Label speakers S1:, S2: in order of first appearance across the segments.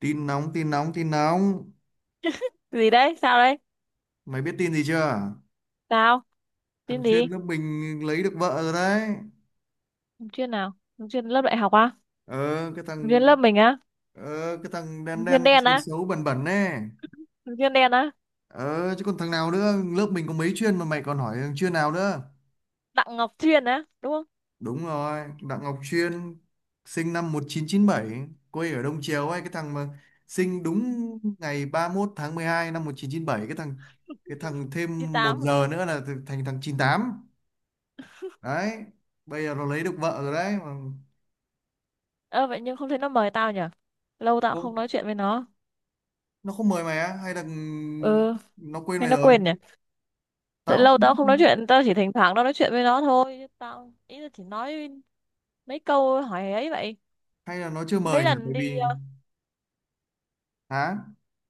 S1: Tin nóng tin nóng tin nóng!
S2: Gì đấy? Sao đấy?
S1: Mày biết tin gì chưa?
S2: Sao?
S1: Thằng
S2: Tin
S1: chuyên
S2: gì?
S1: lớp mình lấy được vợ rồi đấy.
S2: Ứng chuyên nào? Ứng chuyên lớp đại học á?
S1: Ờ, cái
S2: Ứng chuyên
S1: thằng
S2: lớp mình á?
S1: cái thằng đen
S2: Ứng
S1: đen
S2: chuyên đen
S1: xấu
S2: á?
S1: xấu bẩn bẩn ấy.
S2: Ứng chuyên đen á?
S1: Ờ chứ còn thằng nào nữa, lớp mình có mấy chuyên mà mày còn hỏi thằng chuyên nào nữa.
S2: Đặng Ngọc Chuyên á, đúng không?
S1: Đúng rồi, Đặng Ngọc Chuyên, sinh năm 1997, quê ở Đông Triều ấy, cái thằng mà sinh đúng ngày 31/12/1997, cái thằng thêm một
S2: 98?
S1: giờ nữa là thành thằng 98 đấy. Bây giờ nó lấy được vợ rồi đấy mà.
S2: Ơ vậy nhưng không thấy nó mời tao nhỉ. Lâu tao cũng
S1: Không,
S2: không nói chuyện với nó.
S1: nó không mời mày á, hay là
S2: Ừ.
S1: nó quên
S2: Hay
S1: mày
S2: nó
S1: rồi?
S2: quên nhỉ. Tại
S1: Tao cũng
S2: lâu
S1: không biết.
S2: tao cũng không nói chuyện, tao chỉ thỉnh thoảng tao nói chuyện với nó thôi, chứ tao ý là chỉ nói mấy câu hỏi ấy vậy.
S1: Hay là nó chưa
S2: Mấy
S1: mời nhỉ,
S2: lần
S1: tại
S2: đi
S1: vì… Hả?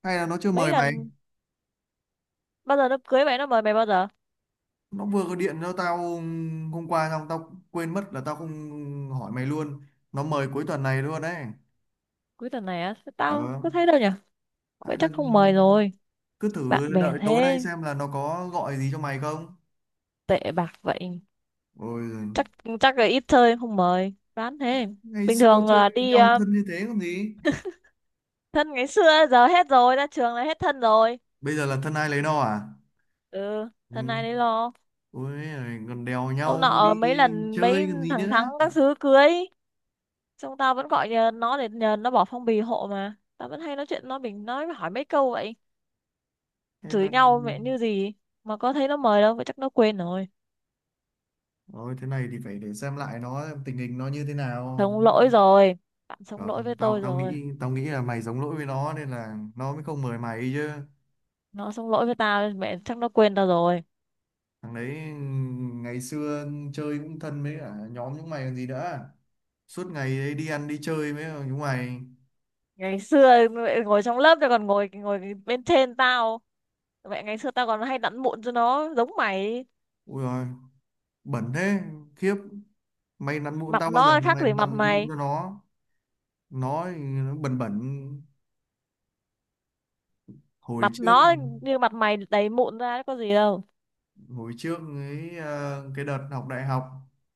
S1: Hay là nó chưa
S2: mấy
S1: mời mày.
S2: lần bao giờ nó cưới mày, nó mời mày bao giờ?
S1: Nó vừa có điện cho tao hôm qua, xong tao quên mất là tao không hỏi mày luôn. Nó mời cuối tuần này luôn đấy.
S2: Cuối tuần này á?
S1: Ờ,
S2: Tao có thấy đâu nhỉ. Vậy
S1: hay là
S2: chắc không mời rồi.
S1: cứ
S2: Bạn
S1: thử
S2: bè
S1: đợi tối nay
S2: thế.
S1: xem là nó có gọi gì cho mày không.
S2: Tệ bạc vậy.
S1: Ôi giời,
S2: Chắc chắc là ít chơi em không mời, đoán thế.
S1: ngày
S2: Bình
S1: xưa
S2: thường
S1: chơi
S2: là
S1: với
S2: đi
S1: nhau thân như thế còn gì.
S2: thân ngày xưa giờ hết rồi, ra trường là hết thân rồi.
S1: Bây giờ là thân ai lấy no à.
S2: Ừ,
S1: Ừ.
S2: thân này đấy lo.
S1: Ôi giời, còn đèo
S2: Ông
S1: nhau
S2: nọ
S1: đi
S2: mấy lần mấy
S1: chơi còn gì
S2: thằng
S1: nữa.
S2: thắng các thứ cưới xong tao vẫn gọi nhờ nó, để nhờ nó bỏ phong bì hộ, mà tao vẫn hay nói chuyện nó, mình nói hỏi mấy câu vậy.
S1: Hay
S2: Chửi
S1: là
S2: nhau mẹ như gì mà có thấy nó mời đâu, vậy chắc nó quên rồi.
S1: Ôi, thế này thì phải để xem lại nó xem tình hình nó như thế nào.
S2: Sống lỗi rồi. Bạn sống lỗi với
S1: Không, tao
S2: tôi
S1: tao
S2: rồi.
S1: nghĩ, tao nghĩ là mày giống lỗi với nó nên là nó mới không mời mày chứ.
S2: Nó sống lỗi với tao, mẹ, chắc nó quên tao rồi.
S1: Thằng đấy ngày xưa chơi cũng thân với cả nhóm chúng mày còn gì nữa, suốt ngày ấy đi ăn đi chơi với chúng mày.
S2: Ngày xưa mẹ ngồi trong lớp tao còn ngồi ngồi bên trên tao. Mẹ ngày xưa tao còn hay đặn mụn cho nó giống mày.
S1: Ui rồi, bẩn thế, khiếp! Mày nặn mụn
S2: Mặt
S1: tao bao giờ
S2: nó
S1: mà
S2: khác
S1: mày
S2: gì mặt
S1: nặn nặn mụn
S2: mày.
S1: cho nó? Nó thì nó bẩn bẩn. hồi
S2: Mặt
S1: trước
S2: nó như mặt mày đầy mụn ra có gì đâu.
S1: Hồi trước ấy, cái đợt học đại học,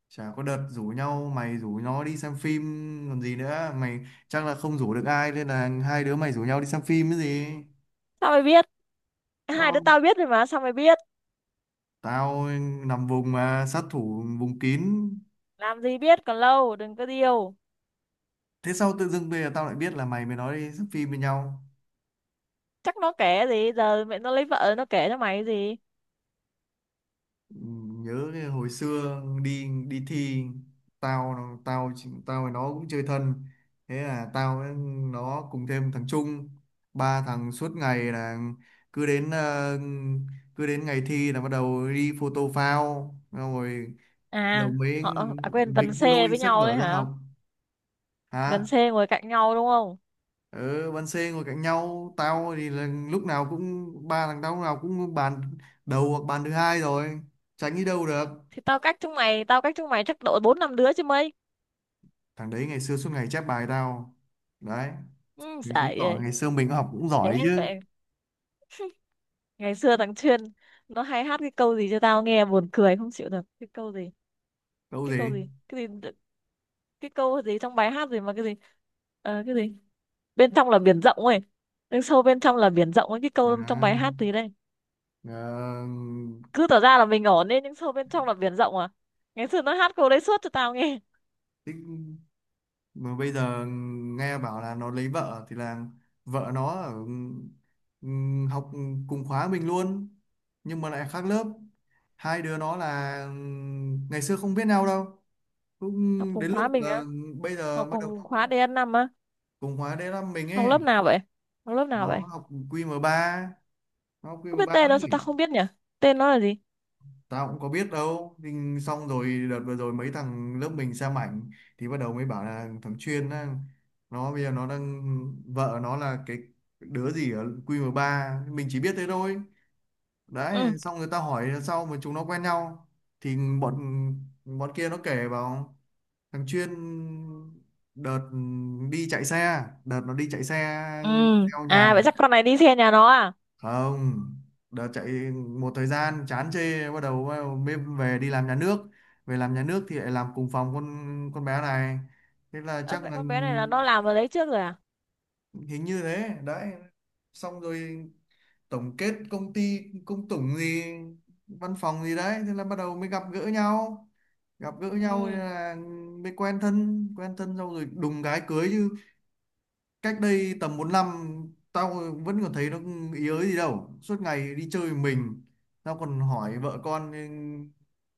S1: chả có đợt rủ nhau, mày rủ nó đi xem phim còn gì nữa mày. Chắc là không rủ được ai nên là hai đứa mày rủ nhau đi xem phim cái gì.
S2: Sao mày biết?
S1: Ờ,
S2: Hai đứa tao biết rồi mà sao mày biết?
S1: tao nằm vùng mà, sát thủ vùng kín.
S2: Làm gì biết, còn lâu, đừng có điêu.
S1: Thế sao tự dưng bây giờ tao lại biết là mày mới nói đi xem phim với nhau.
S2: Chắc nó kể gì, giờ mẹ nó lấy vợ nó kể cho mày cái gì?
S1: Nhớ cái hồi xưa đi đi thi, tao tao tao với nó cũng chơi thân. Thế là tao với nó cùng thêm thằng Trung, ba thằng suốt ngày là cứ đến ờ, cứ đến ngày thi là bắt đầu đi photo phao, xong rồi đầu
S2: À
S1: mới
S2: họ à, quên,
S1: mới
S2: Vân Xê
S1: lôi
S2: với
S1: sách
S2: nhau
S1: vở
S2: đấy
S1: ra
S2: hả?
S1: học.
S2: Vân
S1: Hả?
S2: Xê ngồi cạnh nhau đúng không?
S1: Ở ban C ngồi cạnh nhau, tao thì là lúc nào cũng ba thằng tao lúc nào cũng bàn đầu hoặc bàn thứ hai rồi, tránh đi đâu được.
S2: Thì tao cách chúng mày, tao cách chúng mày chắc độ bốn năm đứa chứ mấy.
S1: Thằng đấy ngày xưa suốt ngày chép bài tao đấy,
S2: Ừ,
S1: thì chứng
S2: giải
S1: tỏ
S2: ơi.
S1: ngày xưa mình học cũng giỏi chứ.
S2: Thế ngày xưa thằng Chuyên nó hay hát cái câu gì cho tao nghe buồn cười không chịu được. Cái câu gì?
S1: Đâu
S2: Cái câu
S1: gì.
S2: gì? Cái gì? Cái câu gì trong bài hát gì mà cái gì? Ờ, cái gì bên trong là biển rộng ấy. Nhưng sâu bên trong là biển rộng ấy, cái câu trong bài
S1: À,
S2: hát gì đây?
S1: ờ,
S2: Cứ tỏ ra là mình ổn ấy nhưng sâu bên trong là biển rộng à. Ngày xưa nó hát câu đấy suốt cho tao nghe.
S1: tích-, mà bây giờ nghe bảo là nó lấy vợ thì là vợ nó ở, ừ, học cùng khóa mình luôn, nhưng mà lại khác lớp. Hai đứa nó là, ngày xưa không biết nhau đâu, cũng
S2: Học cùng
S1: đến lúc
S2: khóa mình
S1: là
S2: á?
S1: bây giờ
S2: Học
S1: bắt đầu
S2: cùng
S1: nó
S2: khóa dn năm á?
S1: cùng khóa đến là mình
S2: Học
S1: ấy.
S2: lớp nào vậy? Học lớp nào
S1: nó
S2: vậy?
S1: học qm ba nó học
S2: Có
S1: qm
S2: biết
S1: ba
S2: tên nó, sao
S1: đấy.
S2: tao không biết nhỉ? Tên nó là gì?
S1: Tao cũng có biết đâu, nhưng xong rồi đợt vừa rồi mấy thằng lớp mình xem ảnh, thì bắt đầu mới bảo là thằng Chuyên á, nó bây giờ nó đang vợ nó là cái đứa gì ở QM3, mình chỉ biết thế thôi đấy.
S2: Ừ.
S1: Xong người ta hỏi là sao mà chúng nó quen nhau, thì bọn bọn kia nó kể vào thằng Chuyên đợt đợt nó đi chạy xe
S2: Ừ.
S1: theo
S2: À
S1: nhà.
S2: vậy chắc con này đi xe nhà nó à?
S1: Không, đợt chạy một thời gian chán chê, bắt đầu mới về đi làm nhà nước. Về làm nhà nước thì lại làm cùng phòng con bé này. Thế là
S2: Ơ
S1: chắc
S2: vậy
S1: là…
S2: con bé này là nó làm ở đấy trước rồi à?
S1: Hình như thế đấy. Xong rồi tổng kết công ty công tủng gì, văn phòng gì đấy, thế là bắt đầu mới gặp gỡ nhau. Gặp gỡ nhau
S2: Ừ.
S1: là Mới quen thân, xong rồi đùng cái cưới chứ. Cách đây tầm 4 năm tao vẫn còn thấy nó ý ới gì đâu, suốt ngày đi chơi mình. Tao còn hỏi vợ con,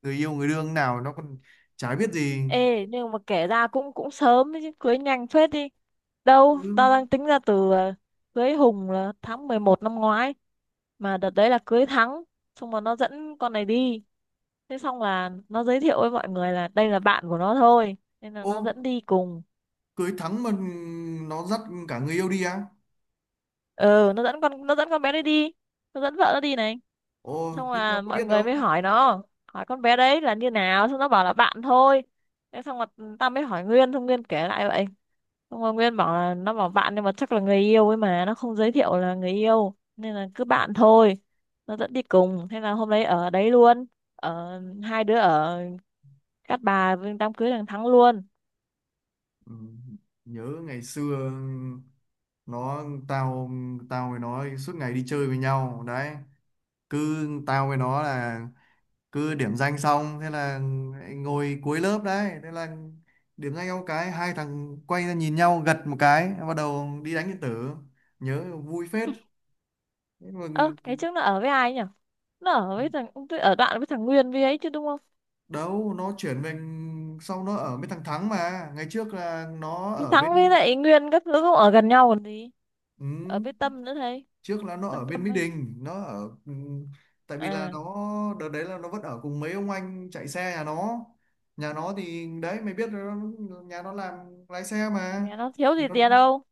S1: người yêu người đương nào nó còn chả biết gì.
S2: Ê, nhưng mà kể ra cũng cũng sớm đấy chứ, cưới nhanh phết đi. Đâu,
S1: Ừ.
S2: tao đang tính ra từ cưới Hùng là tháng 11 năm ngoái. Mà đợt đấy là cưới Thắng, xong rồi nó dẫn con này đi. Thế xong là nó giới thiệu với mọi người là đây là bạn của nó thôi. Nên là nó
S1: Ô,
S2: dẫn đi cùng.
S1: cưới Thắng mà nó dắt cả người yêu đi á?
S2: Ừ, nó dẫn con, nó dẫn con bé đấy đi. Nó dẫn vợ nó đi này.
S1: Ô
S2: Xong
S1: thế tao
S2: là
S1: có
S2: mọi
S1: biết đâu.
S2: người mới hỏi nó, hỏi con bé đấy là như nào, xong nó bảo là bạn thôi. Thế xong rồi tao mới hỏi Nguyên, xong Nguyên kể lại vậy. Xong rồi Nguyên bảo là nó bảo bạn nhưng mà chắc là người yêu ấy, mà nó không giới thiệu là người yêu nên là cứ bạn thôi. Nó dẫn đi cùng, thế là hôm đấy ở đấy luôn. Ở, hai đứa ở Cát Bà với đám cưới thằng Thắng luôn.
S1: Ừ, nhớ ngày xưa nó tao tao với nó suốt ngày đi chơi với nhau đấy. Cứ tao với nó là cứ điểm danh xong thế là ngồi cuối lớp đấy, thế là điểm danh ông cái, hai thằng quay ra nhìn nhau gật một cái, bắt đầu đi đánh điện tử. Nhớ vui phết. Thế mà…
S2: Ơ cái trước nó ở với ai nhỉ? Nó ở với thằng tôi, ở đoạn với thằng Nguyên với ấy chứ đúng không?
S1: Đâu, nó chuyển về xong nó ở bên thằng Thắng, mà ngày trước là nó
S2: Thì
S1: ở
S2: Thắng với
S1: bên,
S2: lại Nguyên các thứ cũng ở gần nhau còn gì. Ở
S1: ừ,
S2: với Tâm nữa thấy.
S1: trước là nó ở
S2: Thằng
S1: bên
S2: Tâm
S1: Mỹ
S2: ấy.
S1: Đình. Tại vì là
S2: À.
S1: nó, đợt đấy là nó vẫn ở cùng mấy ông anh chạy xe nhà nó. Nhà nó thì đấy mày biết rồi, nhà nó làm lái xe mà,
S2: Nhà nó thiếu
S1: thì
S2: gì
S1: nó
S2: tiền đâu.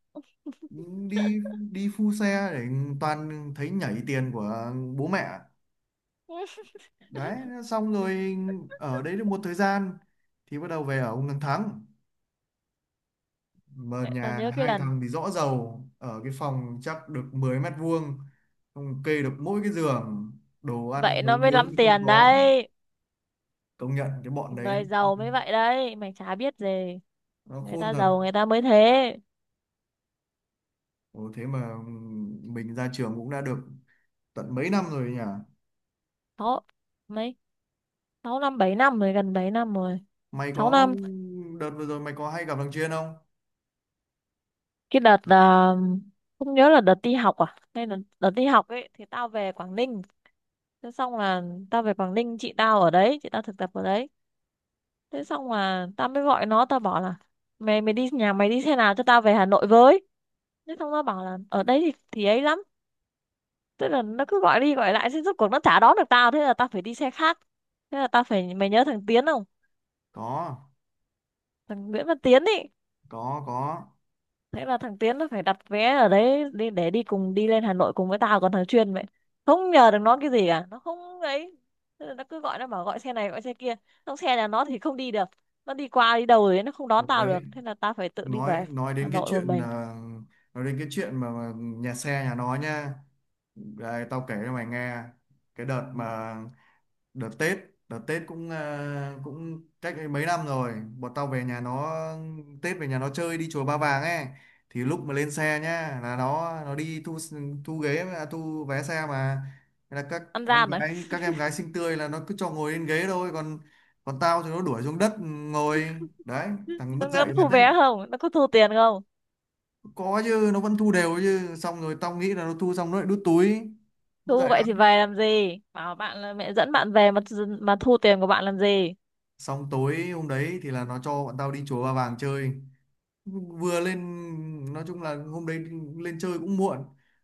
S1: đi đi phu xe để toàn thấy nhảy tiền của bố mẹ đấy. Xong rồi ở đấy được một thời gian thì bắt đầu về ở ông thằng Thắng, mà
S2: Vậy tao
S1: nhà
S2: nhớ cái
S1: hai
S2: lần
S1: thằng thì rõ rầu, ở cái phòng chắc được 10 mét vuông, không kê được mỗi cái giường, đồ ăn
S2: vậy nó
S1: nấu
S2: mới
S1: nướng
S2: lắm
S1: thì không
S2: tiền
S1: có.
S2: đấy.
S1: Công nhận cái bọn đấy,
S2: Người
S1: nó,
S2: giàu mới vậy đấy mày chả biết gì.
S1: nó
S2: Người
S1: khôn
S2: ta
S1: thật.
S2: giàu người ta mới thế.
S1: Ồ, thế mà mình ra trường cũng đã được tận mấy năm rồi nhỉ.
S2: Sáu, mấy, sáu năm bảy năm rồi, gần bảy năm rồi.
S1: Mày
S2: Sáu
S1: có,
S2: năm.
S1: đợt vừa rồi mày có hay gặp thằng Chuyên không?
S2: Cái đợt là không nhớ là đợt đi học à, hay là đợt đi học ấy, thì tao về Quảng Ninh. Thế xong là tao về Quảng Ninh, chị tao ở đấy, chị tao thực tập ở đấy. Thế xong là tao mới gọi nó, tao bảo là mày mày đi, nhà mày đi xe nào cho tao về Hà Nội với. Thế xong nó bảo là ở đấy thì ấy lắm. Tức là nó cứ gọi đi gọi lại, thế rốt cuộc nó chả đón được tao, thế là tao phải đi xe khác. Thế là tao phải, mày nhớ thằng Tiến không?
S1: Có,
S2: Thằng Nguyễn Văn Tiến ý.
S1: có, có.
S2: Thế là thằng Tiến nó phải đặt vé ở đấy đi để đi cùng, đi lên Hà Nội cùng với tao, còn thằng Chuyên vậy không nhờ được nó cái gì cả, nó không ấy. Thế là nó cứ gọi, nó bảo gọi xe này gọi xe kia, trong xe nhà nó thì không đi được. Nó đi qua đi đâu rồi nó không đón
S1: Ủa
S2: tao
S1: đấy,
S2: được, thế là tao phải tự đi
S1: nói
S2: về
S1: nói
S2: Hà
S1: đến cái
S2: Nội một
S1: chuyện,
S2: mình.
S1: nói đến cái chuyện mà nhà xe nhà nó nha, đây tao kể cho mày nghe. Cái đợt mà đợt Tết đợt Tết cũng, à, cũng cách ấy mấy năm rồi, bọn tao về nhà nó Tết, về nhà nó chơi đi chùa Ba Vàng ấy. Thì lúc mà lên xe nhá, là nó đi thu thu ghế, à, thu vé xe mà. Thế là
S2: Ăn gian rồi.
S1: các em gái xinh tươi là nó cứ cho ngồi lên ghế thôi, còn còn tao thì nó đuổi xuống đất ngồi đấy. Thằng
S2: nó,
S1: mất
S2: nó
S1: dạy thật
S2: thu
S1: đấy,
S2: vé không, nó có thu tiền không?
S1: có chứ nó vẫn thu đều chứ, xong rồi tao nghĩ là nó thu xong nó lại đút túi. Mất dạy
S2: Thu vậy thì
S1: lắm.
S2: về làm gì? Bảo bạn là mẹ dẫn bạn về mà. Mà thu tiền của bạn làm gì?
S1: Xong tối hôm đấy thì là nó cho bọn tao đi chùa Ba Vàng chơi, vừa lên, nói chung là hôm đấy lên chơi cũng muộn.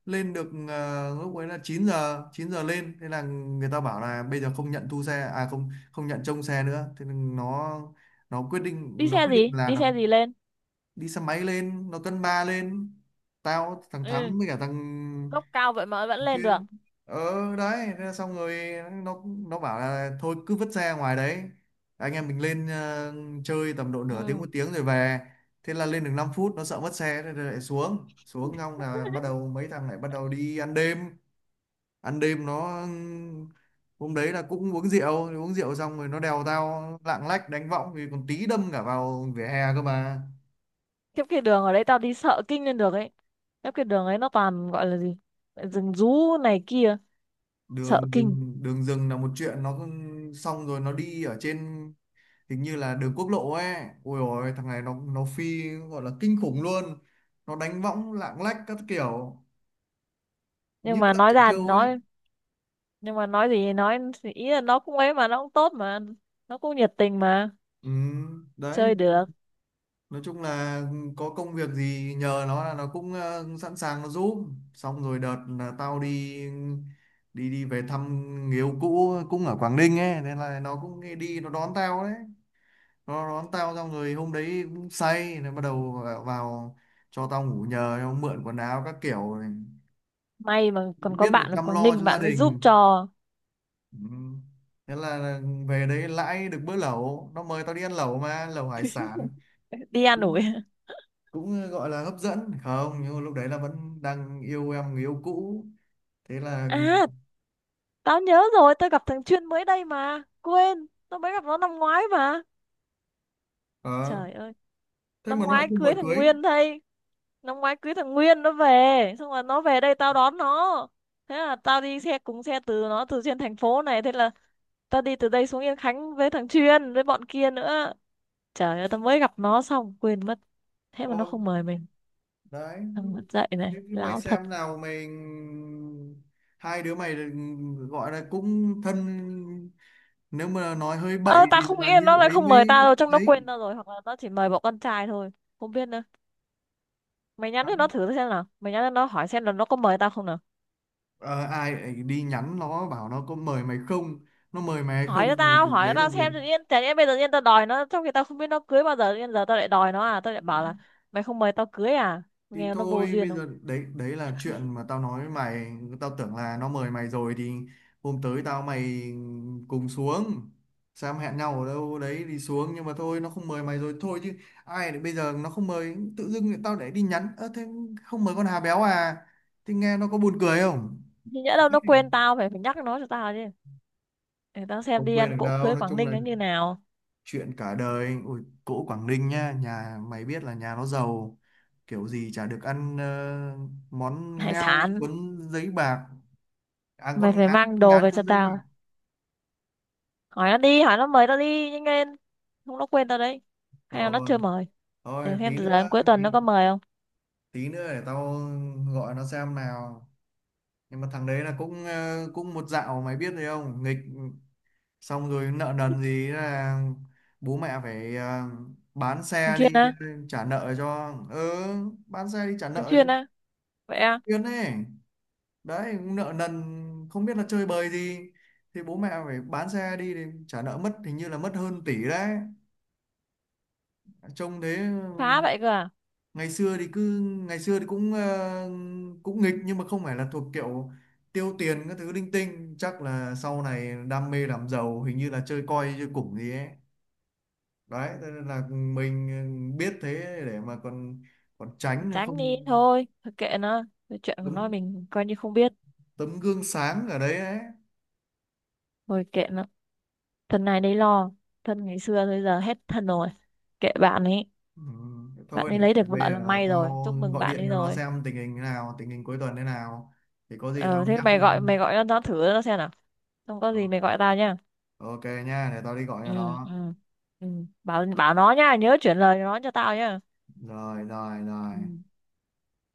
S1: Lên được, à, lúc ấy là 9 giờ lên, thế là người ta bảo là bây giờ không nhận thu xe, à không, không nhận trông xe nữa, thế nên nó,
S2: Đi
S1: nó
S2: xe
S1: quyết định
S2: gì?
S1: là
S2: Đi
S1: nó
S2: xe gì lên?
S1: đi xe máy lên, nó cân ba lên, tao thằng
S2: Ừ,
S1: Thắng với cả thằng
S2: gốc cao vậy mà vẫn lên được.
S1: Chuyên. Ờ đấy thế là xong rồi, nó bảo là thôi cứ vứt xe ngoài đấy, anh em mình lên, chơi tầm độ nửa tiếng
S2: Ừ.
S1: một tiếng rồi về. Thế là lên được 5 phút nó sợ mất xe, thế là lại xuống, xong là bắt đầu mấy thằng lại bắt đầu đi ăn đêm. Ăn đêm, nó hôm đấy là cũng uống rượu, xong rồi nó đèo tao lạng lách đánh võng thì còn tí đâm cả vào vỉa hè cơ mà.
S2: Kiếp cái đường ở đấy tao đi sợ kinh lên được ấy. Kiếp cái đường ấy nó toàn gọi là gì? Rừng rú này kia, sợ
S1: Đường
S2: kinh.
S1: đường Đường rừng là một chuyện, nó xong rồi nó đi ở trên hình như là đường quốc lộ ấy. Ôi ôi, thằng này nó phi gọi là kinh khủng luôn, nó đánh võng lạng lách các kiểu như
S2: Nhưng mà
S1: thằng
S2: nói
S1: trẻ
S2: ra thì
S1: trâu ấy.
S2: nói, nhưng mà nói gì thì nói, thì ý là nó cũng ấy mà, nó cũng tốt mà, nó cũng nhiệt tình mà,
S1: Ừ, đấy.
S2: chơi được.
S1: Nói chung là có công việc gì nhờ nó là nó cũng, sẵn sàng nó giúp. Xong rồi đợt là tao đi, đi về thăm người yêu cũ cũng ở Quảng Ninh ấy, nên là nó cũng đi, nó đón tao đấy. Nó đón tao xong rồi hôm đấy cũng say, nó bắt đầu vào cho tao ngủ nhờ, nó mượn quần áo các kiểu này.
S2: May mà còn có
S1: Biết là
S2: bạn ở
S1: chăm
S2: Quảng
S1: lo cho
S2: Ninh,
S1: gia
S2: bạn ấy
S1: đình.
S2: giúp cho.
S1: Ừ. Thế là về đấy lãi được bữa lẩu, nó mời tao đi ăn lẩu mà, lẩu hải sản.
S2: Đi an
S1: Cũng
S2: ủi.
S1: cũng ờ, gọi là hấp dẫn không, nhưng mà lúc đấy là vẫn đang yêu em người yêu cũ, thế là…
S2: À, tao nhớ rồi, tao gặp thằng Chuyên mới đây mà. Quên, tao mới gặp nó năm ngoái mà.
S1: Ờ,
S2: Trời ơi,
S1: thế
S2: năm
S1: mà nó lại
S2: ngoái
S1: không mời
S2: cưới thằng
S1: cưới.
S2: Nguyên đây. Năm ngoái cưới thằng Nguyên nó về. Xong rồi nó về đây tao đón nó. Thế là tao đi xe cùng xe từ nó, từ trên thành phố này. Thế là tao đi từ đây xuống Yên Khánh với thằng Chuyên, với bọn kia nữa. Trời ơi, tao mới gặp nó xong, quên mất. Thế mà
S1: Ồ
S2: nó không mời mình.
S1: đấy,
S2: Tao mất dạy này,
S1: thế thì mày
S2: láo thật.
S1: xem nào mày, hai đứa mày gọi là cũng thân, nếu mà nói hơi bậy
S2: Ơ,
S1: thì
S2: tao không nghĩ
S1: là
S2: là
S1: như
S2: nó lại
S1: ấy
S2: không mời tao
S1: mới
S2: đâu, chắc nó
S1: ấy.
S2: quên tao rồi. Hoặc là nó chỉ mời bọn con trai thôi. Không biết nữa. Mày nhắn cho nó thử xem nào, mày nhắn cho nó hỏi xem là nó có mời tao không nào.
S1: Ờ, ai lại đi nhắn nó bảo nó có mời mày không. Nó mời mày hay không
S2: hỏi cho
S1: thì,
S2: tao
S1: thì
S2: hỏi
S1: đấy
S2: cho
S1: là
S2: tao
S1: việc,
S2: xem, tự nhiên chả nhẽ bây giờ tự nhiên tao đòi nó, trong khi tao không biết nó cưới bao giờ, tự nhiên giờ tao lại đòi nó à, tao lại bảo là mày không mời tao cưới à,
S1: thì
S2: nghe nó vô
S1: thôi
S2: duyên
S1: bây giờ
S2: không?
S1: đấy, đấy là chuyện mà tao nói với mày. Tao tưởng là nó mời mày rồi thì hôm tới tao mày cùng xuống Sam, hẹn nhau ở đâu đấy đi xuống, nhưng mà thôi nó không mời mày rồi thôi chứ. Ai lại bây giờ nó không mời, tự dưng lại tao để đi nhắn, ơ thế không mời con Hà Béo à, thì nghe nó có buồn cười không.
S2: Thì nhỡ đâu nó quên tao, phải phải nhắc nó cho tao chứ. Để tao xem
S1: Không
S2: đi
S1: quên
S2: ăn
S1: được
S2: cỗ
S1: đâu,
S2: cưới
S1: nói
S2: Quảng
S1: chung
S2: Ninh
S1: là
S2: nó như nào.
S1: chuyện cả đời. Ui cỗ Quảng Ninh nhá, nhà mày biết là nhà nó giàu, kiểu gì chả được ăn, món
S2: Hải
S1: ngao
S2: sản.
S1: cuốn giấy bạc, à con
S2: Mày phải
S1: ngán,
S2: mang đồ
S1: ngán
S2: về cho
S1: cuốn giấy bạc.
S2: tao. Hỏi nó đi, hỏi nó mời tao đi nhanh lên, không nó quên tao đấy. Hay là nó
S1: Rồi,
S2: chưa mời.
S1: thôi
S2: Để xem
S1: tí
S2: từ giờ đến
S1: nữa,
S2: cuối tuần
S1: tí,
S2: nó có mời không.
S1: tí nữa để tao gọi nó xem nào. Nhưng mà thằng đấy là cũng, cũng một dạo mày biết rồi không nghịch, xong rồi nợ nần gì là bố mẹ phải, bán
S2: Thường
S1: xe
S2: xuyên
S1: đi,
S2: á?
S1: trả nợ cho. Ừ, bán xe đi trả
S2: Thường
S1: nợ cho
S2: xuyên á? Vậy à?
S1: Tuyên ấy. Đấy, nợ nần không biết là chơi bời gì, thì bố mẹ phải bán xe đi thì trả nợ mất, hình như là mất hơn tỷ đấy. Trông thế,
S2: Phá vậy cơ à?
S1: ngày xưa thì cứ ngày xưa thì cũng, cũng nghịch nhưng mà không phải là thuộc kiểu tiêu tiền các thứ linh tinh, chắc là sau này đam mê làm giàu, hình như là chơi coi chơi củng gì ấy. Đấy, thế nên là mình biết thế để mà còn, còn tránh không.
S2: Tránh đi thôi, thôi kệ nó. Cái chuyện của nó
S1: Tấm
S2: mình coi như không biết.
S1: Tấm gương sáng ở đấy ấy.
S2: Thôi kệ nó. Thân này đấy lo. Thân ngày xưa bây giờ hết thân rồi. Kệ bạn ấy.
S1: Ừ,
S2: Bạn
S1: thôi
S2: ấy
S1: để
S2: lấy được
S1: bây
S2: vợ là
S1: giờ
S2: may rồi,
S1: tao
S2: chúc mừng
S1: gọi
S2: bạn
S1: điện
S2: ấy
S1: cho nó
S2: rồi.
S1: xem tình hình thế nào, tình hình cuối tuần thế nào thì có gì tao
S2: Ờ thế
S1: nhắc.
S2: mày gọi, mày gọi nó thử nó xem nào. Không có
S1: Ừ,
S2: gì mày gọi tao nhá.
S1: ok nha, để tao đi gọi
S2: Ừ.
S1: cho nó.
S2: Ừ. Ừ. bảo bảo nó nhá, nhớ chuyển lời nó cho tao nhá.
S1: Rồi rồi rồi.
S2: Ừ.